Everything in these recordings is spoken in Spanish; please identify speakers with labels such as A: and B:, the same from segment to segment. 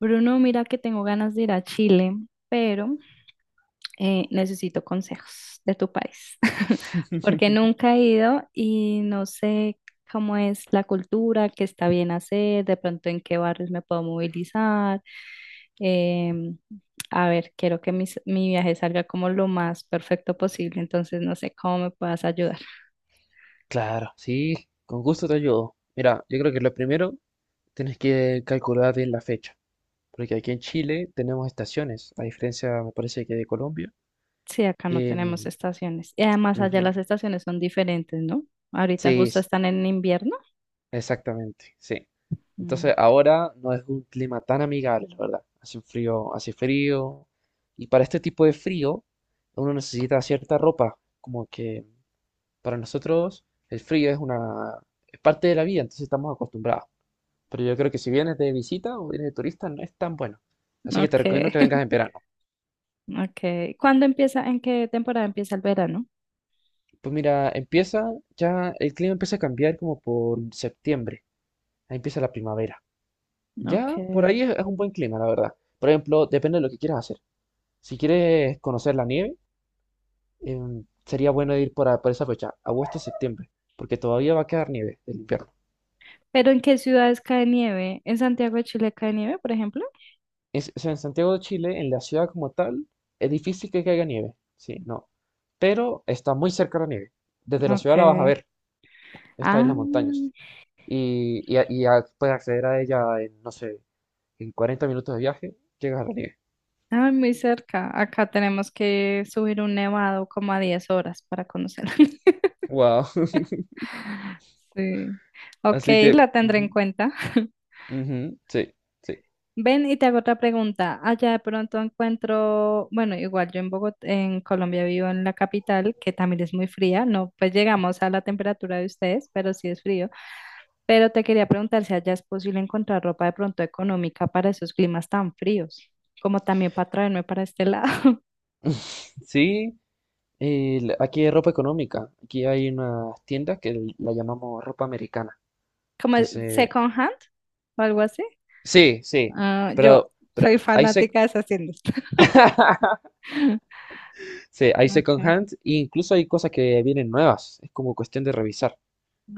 A: Bruno, mira que tengo ganas de ir a Chile, pero necesito consejos de tu país, porque nunca he ido y no sé cómo es la cultura, qué está bien hacer, de pronto en qué barrios me puedo movilizar. Em, a ver, quiero que mi viaje salga como lo más perfecto posible, entonces no sé cómo me puedas ayudar.
B: Claro, sí, con gusto te ayudo. Mira, yo creo que lo primero tienes que calcular bien la fecha, porque aquí en Chile tenemos estaciones, a diferencia, me parece que de Colombia.
A: Sí, acá no tenemos
B: Em,
A: estaciones. Y además allá
B: Ujú.
A: las estaciones son diferentes, ¿no? Ahorita
B: Sí,
A: justo están en invierno.
B: exactamente, sí.
A: Mm.
B: Entonces ahora no es un clima tan amigable, la verdad. Hace un frío, hace frío, y para este tipo de frío uno necesita cierta ropa, como que para nosotros el frío es una, es parte de la vida, entonces estamos acostumbrados. Pero yo creo que si vienes de visita o vienes de turista no es tan bueno. Así que te recomiendo
A: Ok.
B: que vengas en verano.
A: Okay. ¿Cuándo empieza, en qué temporada empieza el verano?
B: Pues mira, empieza ya, el clima empieza a cambiar como por septiembre. Ahí empieza la primavera. Ya por
A: Okay.
B: ahí es un buen clima, la verdad. Por ejemplo, depende de lo que quieras hacer. Si quieres conocer la nieve, sería bueno ir por esa fecha, agosto, septiembre, porque todavía va a quedar nieve del invierno.
A: ¿Pero en qué ciudades cae nieve? ¿En Santiago de Chile cae nieve, por ejemplo?
B: O sea, en Santiago de Chile, en la ciudad como tal, es difícil que caiga nieve. Sí, no. Pero está muy cerca la nieve. Desde la ciudad la vas a
A: Okay.
B: ver. Esta en
A: Ah,
B: las montañas. Y puedes acceder a ella en, no sé, en 40 minutos de viaje, llegas a la nieve.
A: ah, muy cerca. Acá tenemos que subir un nevado como a 10 horas para conocerlo.
B: Wow.
A: Sí. Ok,
B: Así que,
A: la tendré en
B: ujú,
A: cuenta.
B: ujú, sí, sí.
A: Ven y te hago otra pregunta. Allá de pronto encuentro, bueno, igual yo en Bogotá, en Colombia vivo en la capital, que también es muy fría, no, pues llegamos a la temperatura de ustedes, pero sí es frío. Pero te quería preguntar si allá es posible encontrar ropa de pronto económica para esos climas tan fríos, como también para traerme para este lado,
B: Sí, aquí hay ropa económica. Aquí hay unas tiendas que la llamamos ropa americana.
A: como el
B: Entonces,
A: second hand o algo así.
B: sí, sí.
A: Ah, yo
B: Pero
A: soy
B: hay sec.
A: fanática de esas tiendas.
B: Sí, hay second
A: Okay,
B: hand. E incluso hay cosas que vienen nuevas. Es como cuestión de revisar.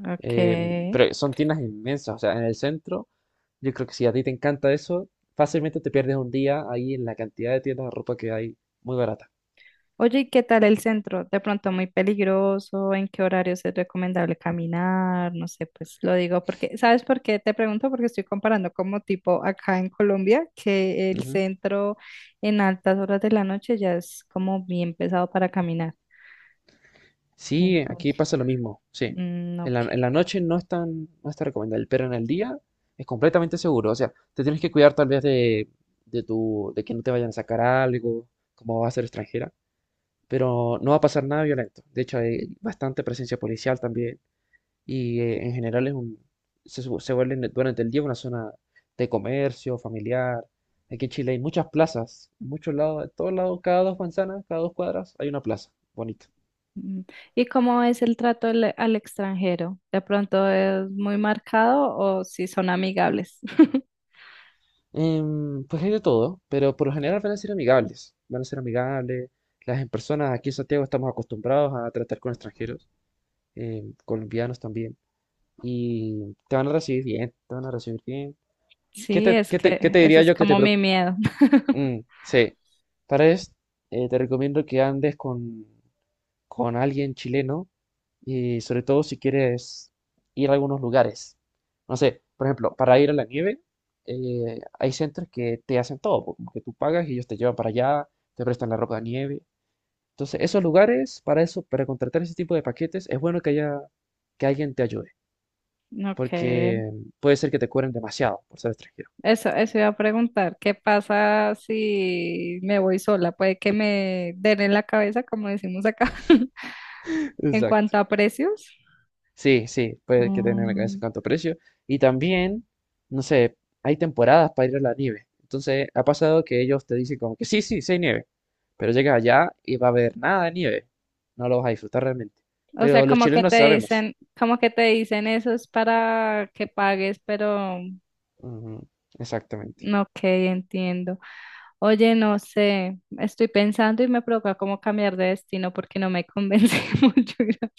A: ok.
B: Eh, pero son tiendas inmensas, o sea, en el centro, yo creo que si a ti te encanta eso, fácilmente te pierdes un día ahí en la cantidad de tiendas de ropa que hay, muy barata.
A: Oye, ¿y qué tal el centro? De pronto muy peligroso, ¿en qué horarios es recomendable caminar? No sé, pues lo digo porque, ¿sabes por qué? Te pregunto porque estoy comparando como tipo acá en Colombia, que el
B: Ujú.
A: centro en altas horas de la noche ya es como bien pesado para caminar.
B: Sí, aquí
A: Entonces,
B: pasa lo mismo, sí. En la,
A: ok.
B: en la noche no es tan, no está recomendable, pero en el día es completamente seguro, o sea, te tienes que cuidar tal vez de tu, de que no te vayan a sacar algo, como va a ser extranjera, pero no va a pasar nada violento. De hecho, hay bastante presencia policial también. Y en general es un, se, su- se vuelve en- durante el día una zona de comercio, familiar. Aquí en Chile hay muchas plazas, en muchos lados, en todos lados, cada dos manzanas, cada dos cuadras hay una plaza, bonito.
A: Mm, ¿Y cómo es el trato al, al extranjero? ¿De pronto es muy marcado o si son amigables?
B: Pues hay de todo, pero por lo general van a ser amigables, van a ser amigables. Las en personas aquí en Santiago estamos acostumbrados a tratar con extranjeros, colombianos también, y te van a recibir bien, te van a recibir bien. ¿Qué
A: Sí,
B: te,
A: es
B: qué te, qué
A: que
B: te
A: ese
B: diría
A: es
B: yo que te,
A: como
B: pre-.
A: mi miedo.
B: Mm, sí. Para esto, te recomiendo que andes con alguien chileno y sobre todo si quieres ir a algunos lugares. No sé, por ejemplo, para ir a la nieve, hay centros que te hacen todo, po, como que tú pagas y ellos te llevan para allá, te prestan la ropa de nieve. Entonces, esos lugares, para eso, para contratar ese tipo de paquetes, es bueno que haya, que alguien te ayude,
A: Ok,
B: porque puede ser que te cobren demasiado por ser extranjero.
A: eso iba a preguntar, ¿qué pasa si me voy sola? Puede que me den en la cabeza, como decimos acá, en
B: Exacto.
A: cuanto a precios.
B: Sí, sí, puede que tener en la cabeza
A: Mm.
B: cuánto precio. Y también, no sé, hay temporadas para ir a la nieve. Entonces, ha pasado que ellos te dicen como que sí, sí, sí hay nieve. Pero llegas allá y va a haber nada de nieve. No lo vas a disfrutar realmente.
A: O sea,
B: Pero los
A: como que
B: chilenos
A: te
B: sabemos.
A: dicen, como que te dicen eso es para que pagues, pero
B: Ujú, exactamente.
A: no, ok, entiendo. Oye, no sé, estoy pensando y me provoca como cambiar de destino porque no me convence mucho.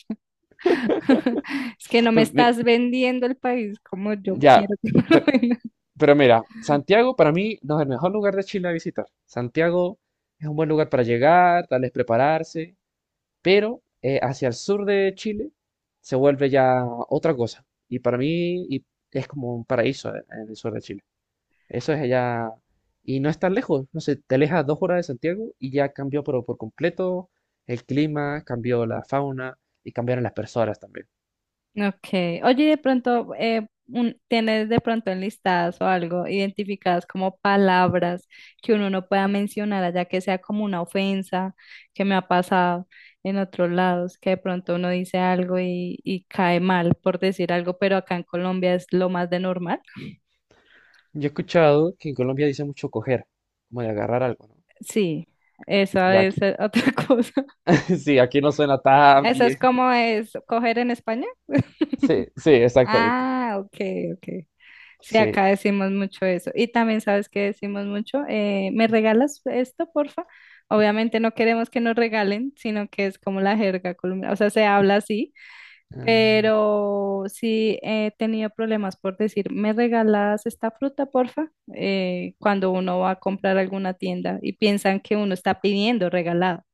A: Es que no me
B: Pues,
A: estás vendiendo el país como yo
B: ya,
A: quiero que
B: pe-
A: me lo
B: pero mira, Santiago para mí no es el mejor lugar de Chile a visitar. Santiago es un buen lugar para llegar, tal vez prepararse. Pero hacia el sur de Chile se vuelve ya otra cosa. Y para mí es como un paraíso en el sur de Chile. Eso es allá. Y no es tan lejos. No sé, te alejas 2 horas de Santiago y ya cambió pero por completo el clima, cambió la fauna y cambiaron las personas también.
A: Okay. Oye, y de pronto, ¿tienes de pronto enlistadas o algo identificadas como palabras que uno no pueda mencionar, allá que sea como una ofensa que me ha pasado en otros lados, que de pronto uno dice algo y cae mal por decir algo, pero acá en Colombia es lo más de normal?
B: Yo he escuchado que en Colombia dice mucho coger, como de agarrar algo, ¿no?
A: Sí, esa
B: Ya aquí,
A: es otra cosa.
B: sí, aquí no suena tan
A: ¿Eso es
B: bien.
A: como es coger en España?
B: Sí, sí, exactamente.
A: Ah, ok, ok. Sí, acá
B: Sí.
A: decimos mucho eso. Y también sabes que decimos mucho, ¿me regalas esto, porfa? Obviamente no queremos que nos regalen, sino que es como la jerga colombiana, o sea, se habla así,
B: Ah,
A: pero sí he tenido problemas por decir, ¿me regalas esta fruta, porfa? Cuando uno va a comprar alguna tienda y piensan que uno está pidiendo regalado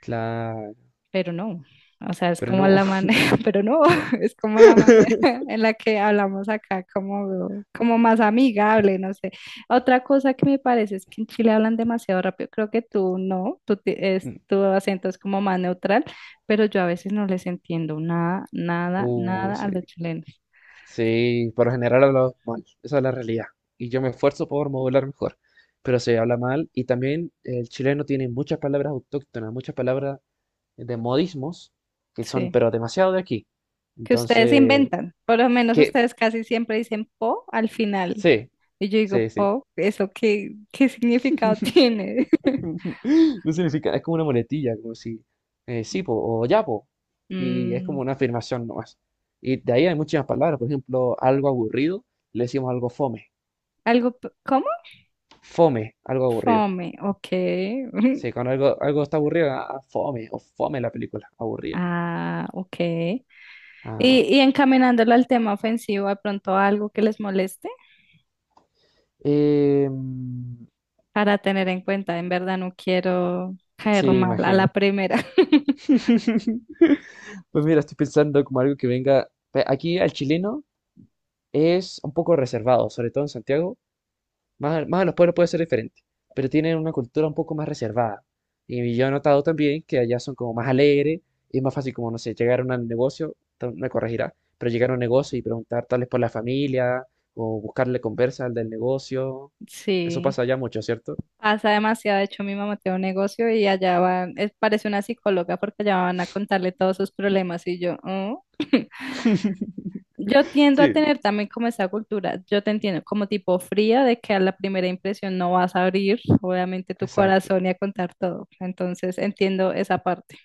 B: claro,
A: pero no. O sea, es
B: pero
A: como
B: no.
A: la manera, pero no, es como la manera en la que hablamos acá, como, como más amigable, no sé. Otra cosa que me parece es que en Chile hablan demasiado rápido. Creo que tú no, tu acento es como más neutral, pero yo a veces no les entiendo nada, nada, nada a
B: Sí,
A: los chilenos.
B: sí, por lo general hablamos mal, esa es la realidad. Y yo me esfuerzo por modular mejor, pero se habla mal. Y también el chileno tiene muchas palabras autóctonas, muchas palabras de modismos que son,
A: Sí.
B: pero demasiado de aquí.
A: Que ustedes
B: Entonces,
A: inventan. Por lo menos
B: que
A: ustedes casi siempre dicen po al final.
B: sí,
A: Y yo digo,
B: sí, sí.
A: po, ¿eso qué, qué significado tiene?
B: No significa, es como una muletilla, como si, sí, po, o ya, po. Y es como
A: Mm,
B: una afirmación nomás. Y de ahí hay muchas palabras, por ejemplo, algo aburrido, le decimos algo fome.
A: Algo, ¿cómo?
B: Fome, algo aburrido.
A: Fome, ok.
B: Sí, cuando algo está aburrido, ah, fome, o fome la película, aburrida.
A: Ah, ok. Y,
B: Ah,
A: y encaminándolo al tema ofensivo, ¿de pronto algo que les moleste
B: mm,
A: para tener en cuenta? En verdad no quiero caer
B: sí,
A: mal a la
B: imagino.
A: primera.
B: Pues mira, estoy pensando como algo que venga. Aquí al chileno es un poco reservado, sobre todo en Santiago. Más a los pueblos puede ser diferente, pero tienen una cultura un poco más reservada. Y yo he notado también que allá son como más alegres, y es más fácil como, no sé, llegar a un negocio, me corregirá, pero llegar a un negocio y preguntar tal vez por la familia, o buscarle conversa al del negocio. Eso pasa
A: Sí,
B: allá mucho, ¿cierto?
A: pasa demasiado. De hecho, mi mamá tiene un negocio y allá van, parece una psicóloga porque allá van a contarle todos sus problemas y yo, "Oh". Yo tiendo a
B: Sí.
A: tener también como esa cultura, yo te entiendo, como tipo fría de que a la primera impresión no vas a abrir, obviamente, tu
B: Exacto.
A: corazón y a contar todo. Entonces, entiendo esa parte.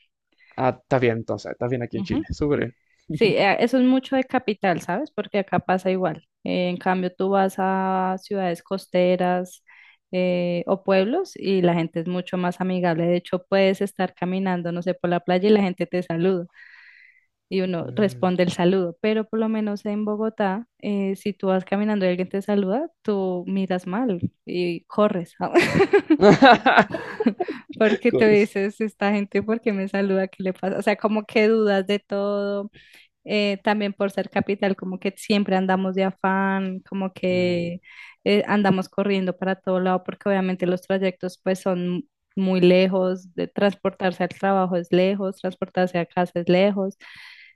B: Ah, estás bien entonces, estás bien aquí en
A: Ujú.
B: Chile, súper bien.
A: Sí, eso es mucho de capital, ¿sabes? Porque acá pasa igual. En cambio, tú vas a ciudades costeras o pueblos y la gente es mucho más amigable. De hecho, puedes estar caminando, no sé, por la playa y la gente te saluda. Y uno
B: Mm.
A: responde el saludo, pero por lo menos en Bogotá, si tú vas caminando y alguien te saluda, tú miras mal y corres, porque te
B: Corres.
A: dices, esta gente, ¿por qué me saluda? ¿Qué le pasa? O sea, como que dudas de todo, también por ser capital, como que siempre andamos de afán, como
B: Mm,
A: que andamos corriendo para todo lado, porque obviamente los trayectos pues son muy lejos, de transportarse al trabajo es lejos, transportarse a casa es lejos,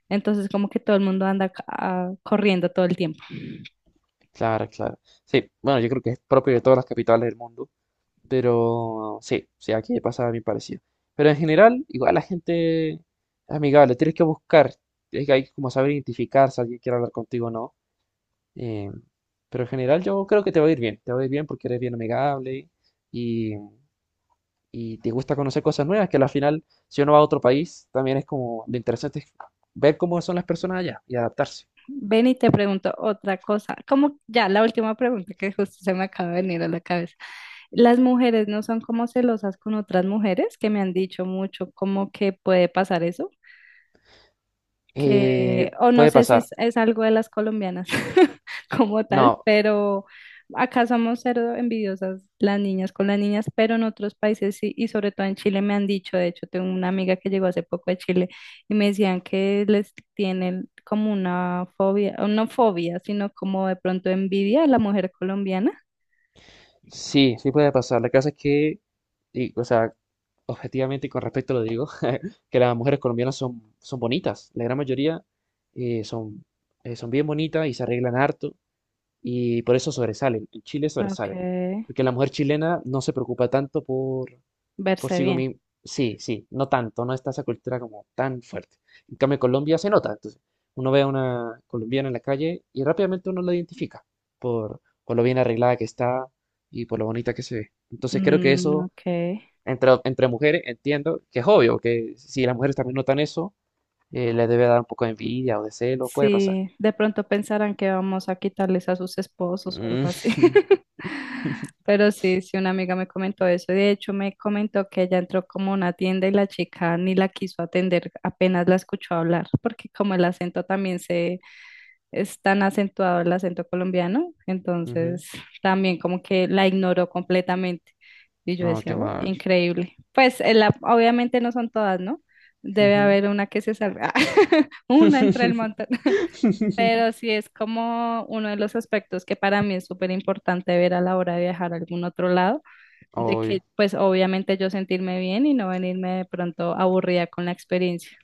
A: entonces como que todo el mundo anda corriendo todo el tiempo.
B: claro, claro. Sí, bueno, yo creo que es propio de todas las capitales del mundo. Pero sí, sí, aquí pasa a mí parecido. Pero en general, igual la gente es amigable, tienes que buscar, es que hay que como saber identificar si alguien quiere hablar contigo o no. eh, pero en general yo creo que te va a ir bien, te va a ir bien porque eres bien amigable y, y te gusta conocer cosas nuevas, que al final, si uno va a otro país, también es como lo interesante es ver cómo son las personas allá y adaptarse.
A: Ven y te pregunto otra cosa, como ya la última pregunta que justo se me acaba de venir a la cabeza. Las mujeres no son como celosas con otras mujeres, que me han dicho mucho como que puede pasar eso. Que, o no
B: Puede
A: sé si
B: pasar.
A: es, es algo de las colombianas como tal,
B: No,
A: pero acá somos cero envidiosas las niñas con las niñas, pero en otros países sí, y sobre todo en Chile me han dicho, de hecho tengo una amiga que llegó hace poco de Chile y me decían que les tienen como una fobia, o no fobia, sino como de pronto envidia a la mujer colombiana.
B: sí, sí puede pasar. La cosa es que, y, o sea, objetivamente y con respeto lo digo, que las mujeres colombianas son bonitas, la gran mayoría eh, son, son bien bonitas y se arreglan harto y por eso sobresalen, en Chile
A: Ok,
B: sobresalen, porque la mujer chilena no se preocupa tanto por
A: verse
B: sí
A: bien.
B: misma, sí, sí, no tanto, no está esa cultura como tan fuerte. En cambio, en Colombia se nota, entonces uno ve a una colombiana en la calle y rápidamente uno la identifica por lo bien arreglada que está y por lo bonita que se ve. Entonces creo que
A: Mm,
B: eso,
A: ok.
B: entre mujeres, entiendo que es obvio, que si las mujeres también notan eso, le debe dar un poco de envidia o de celo, puede pasar.
A: Sí, de pronto pensarán que vamos a quitarles a sus esposos o
B: Mm,
A: algo así. Pero sí, sí, una amiga me comentó eso. De hecho, me comentó que ella entró como a una tienda y la chica ni la quiso atender, apenas la escuchó hablar, porque como el acento también es tan acentuado el acento colombiano,
B: ujú.
A: entonces también como que la ignoró completamente. Y yo
B: Oh, qué
A: decía, "Oh,
B: mal.
A: increíble. Pues en obviamente no son todas, ¿no? Debe
B: Ujú.
A: haber una que se salga, una entre el montón. Pero sí es como uno de los aspectos que para mí es súper importante ver a la hora de viajar a algún otro lado, de
B: Ay,
A: que pues obviamente yo sentirme bien y no venirme de pronto aburrida con la experiencia.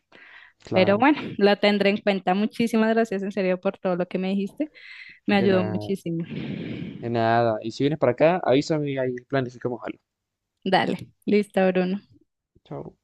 A: Pero
B: claro,
A: bueno, lo tendré en cuenta. Muchísimas gracias en serio por todo lo que me dijiste. Me
B: de
A: ayudó
B: nada,
A: muchísimo.
B: de nada. Y si vienes para acá, avísame y ahí planificamos algo.
A: Dale, listo, Bruno.
B: Chao.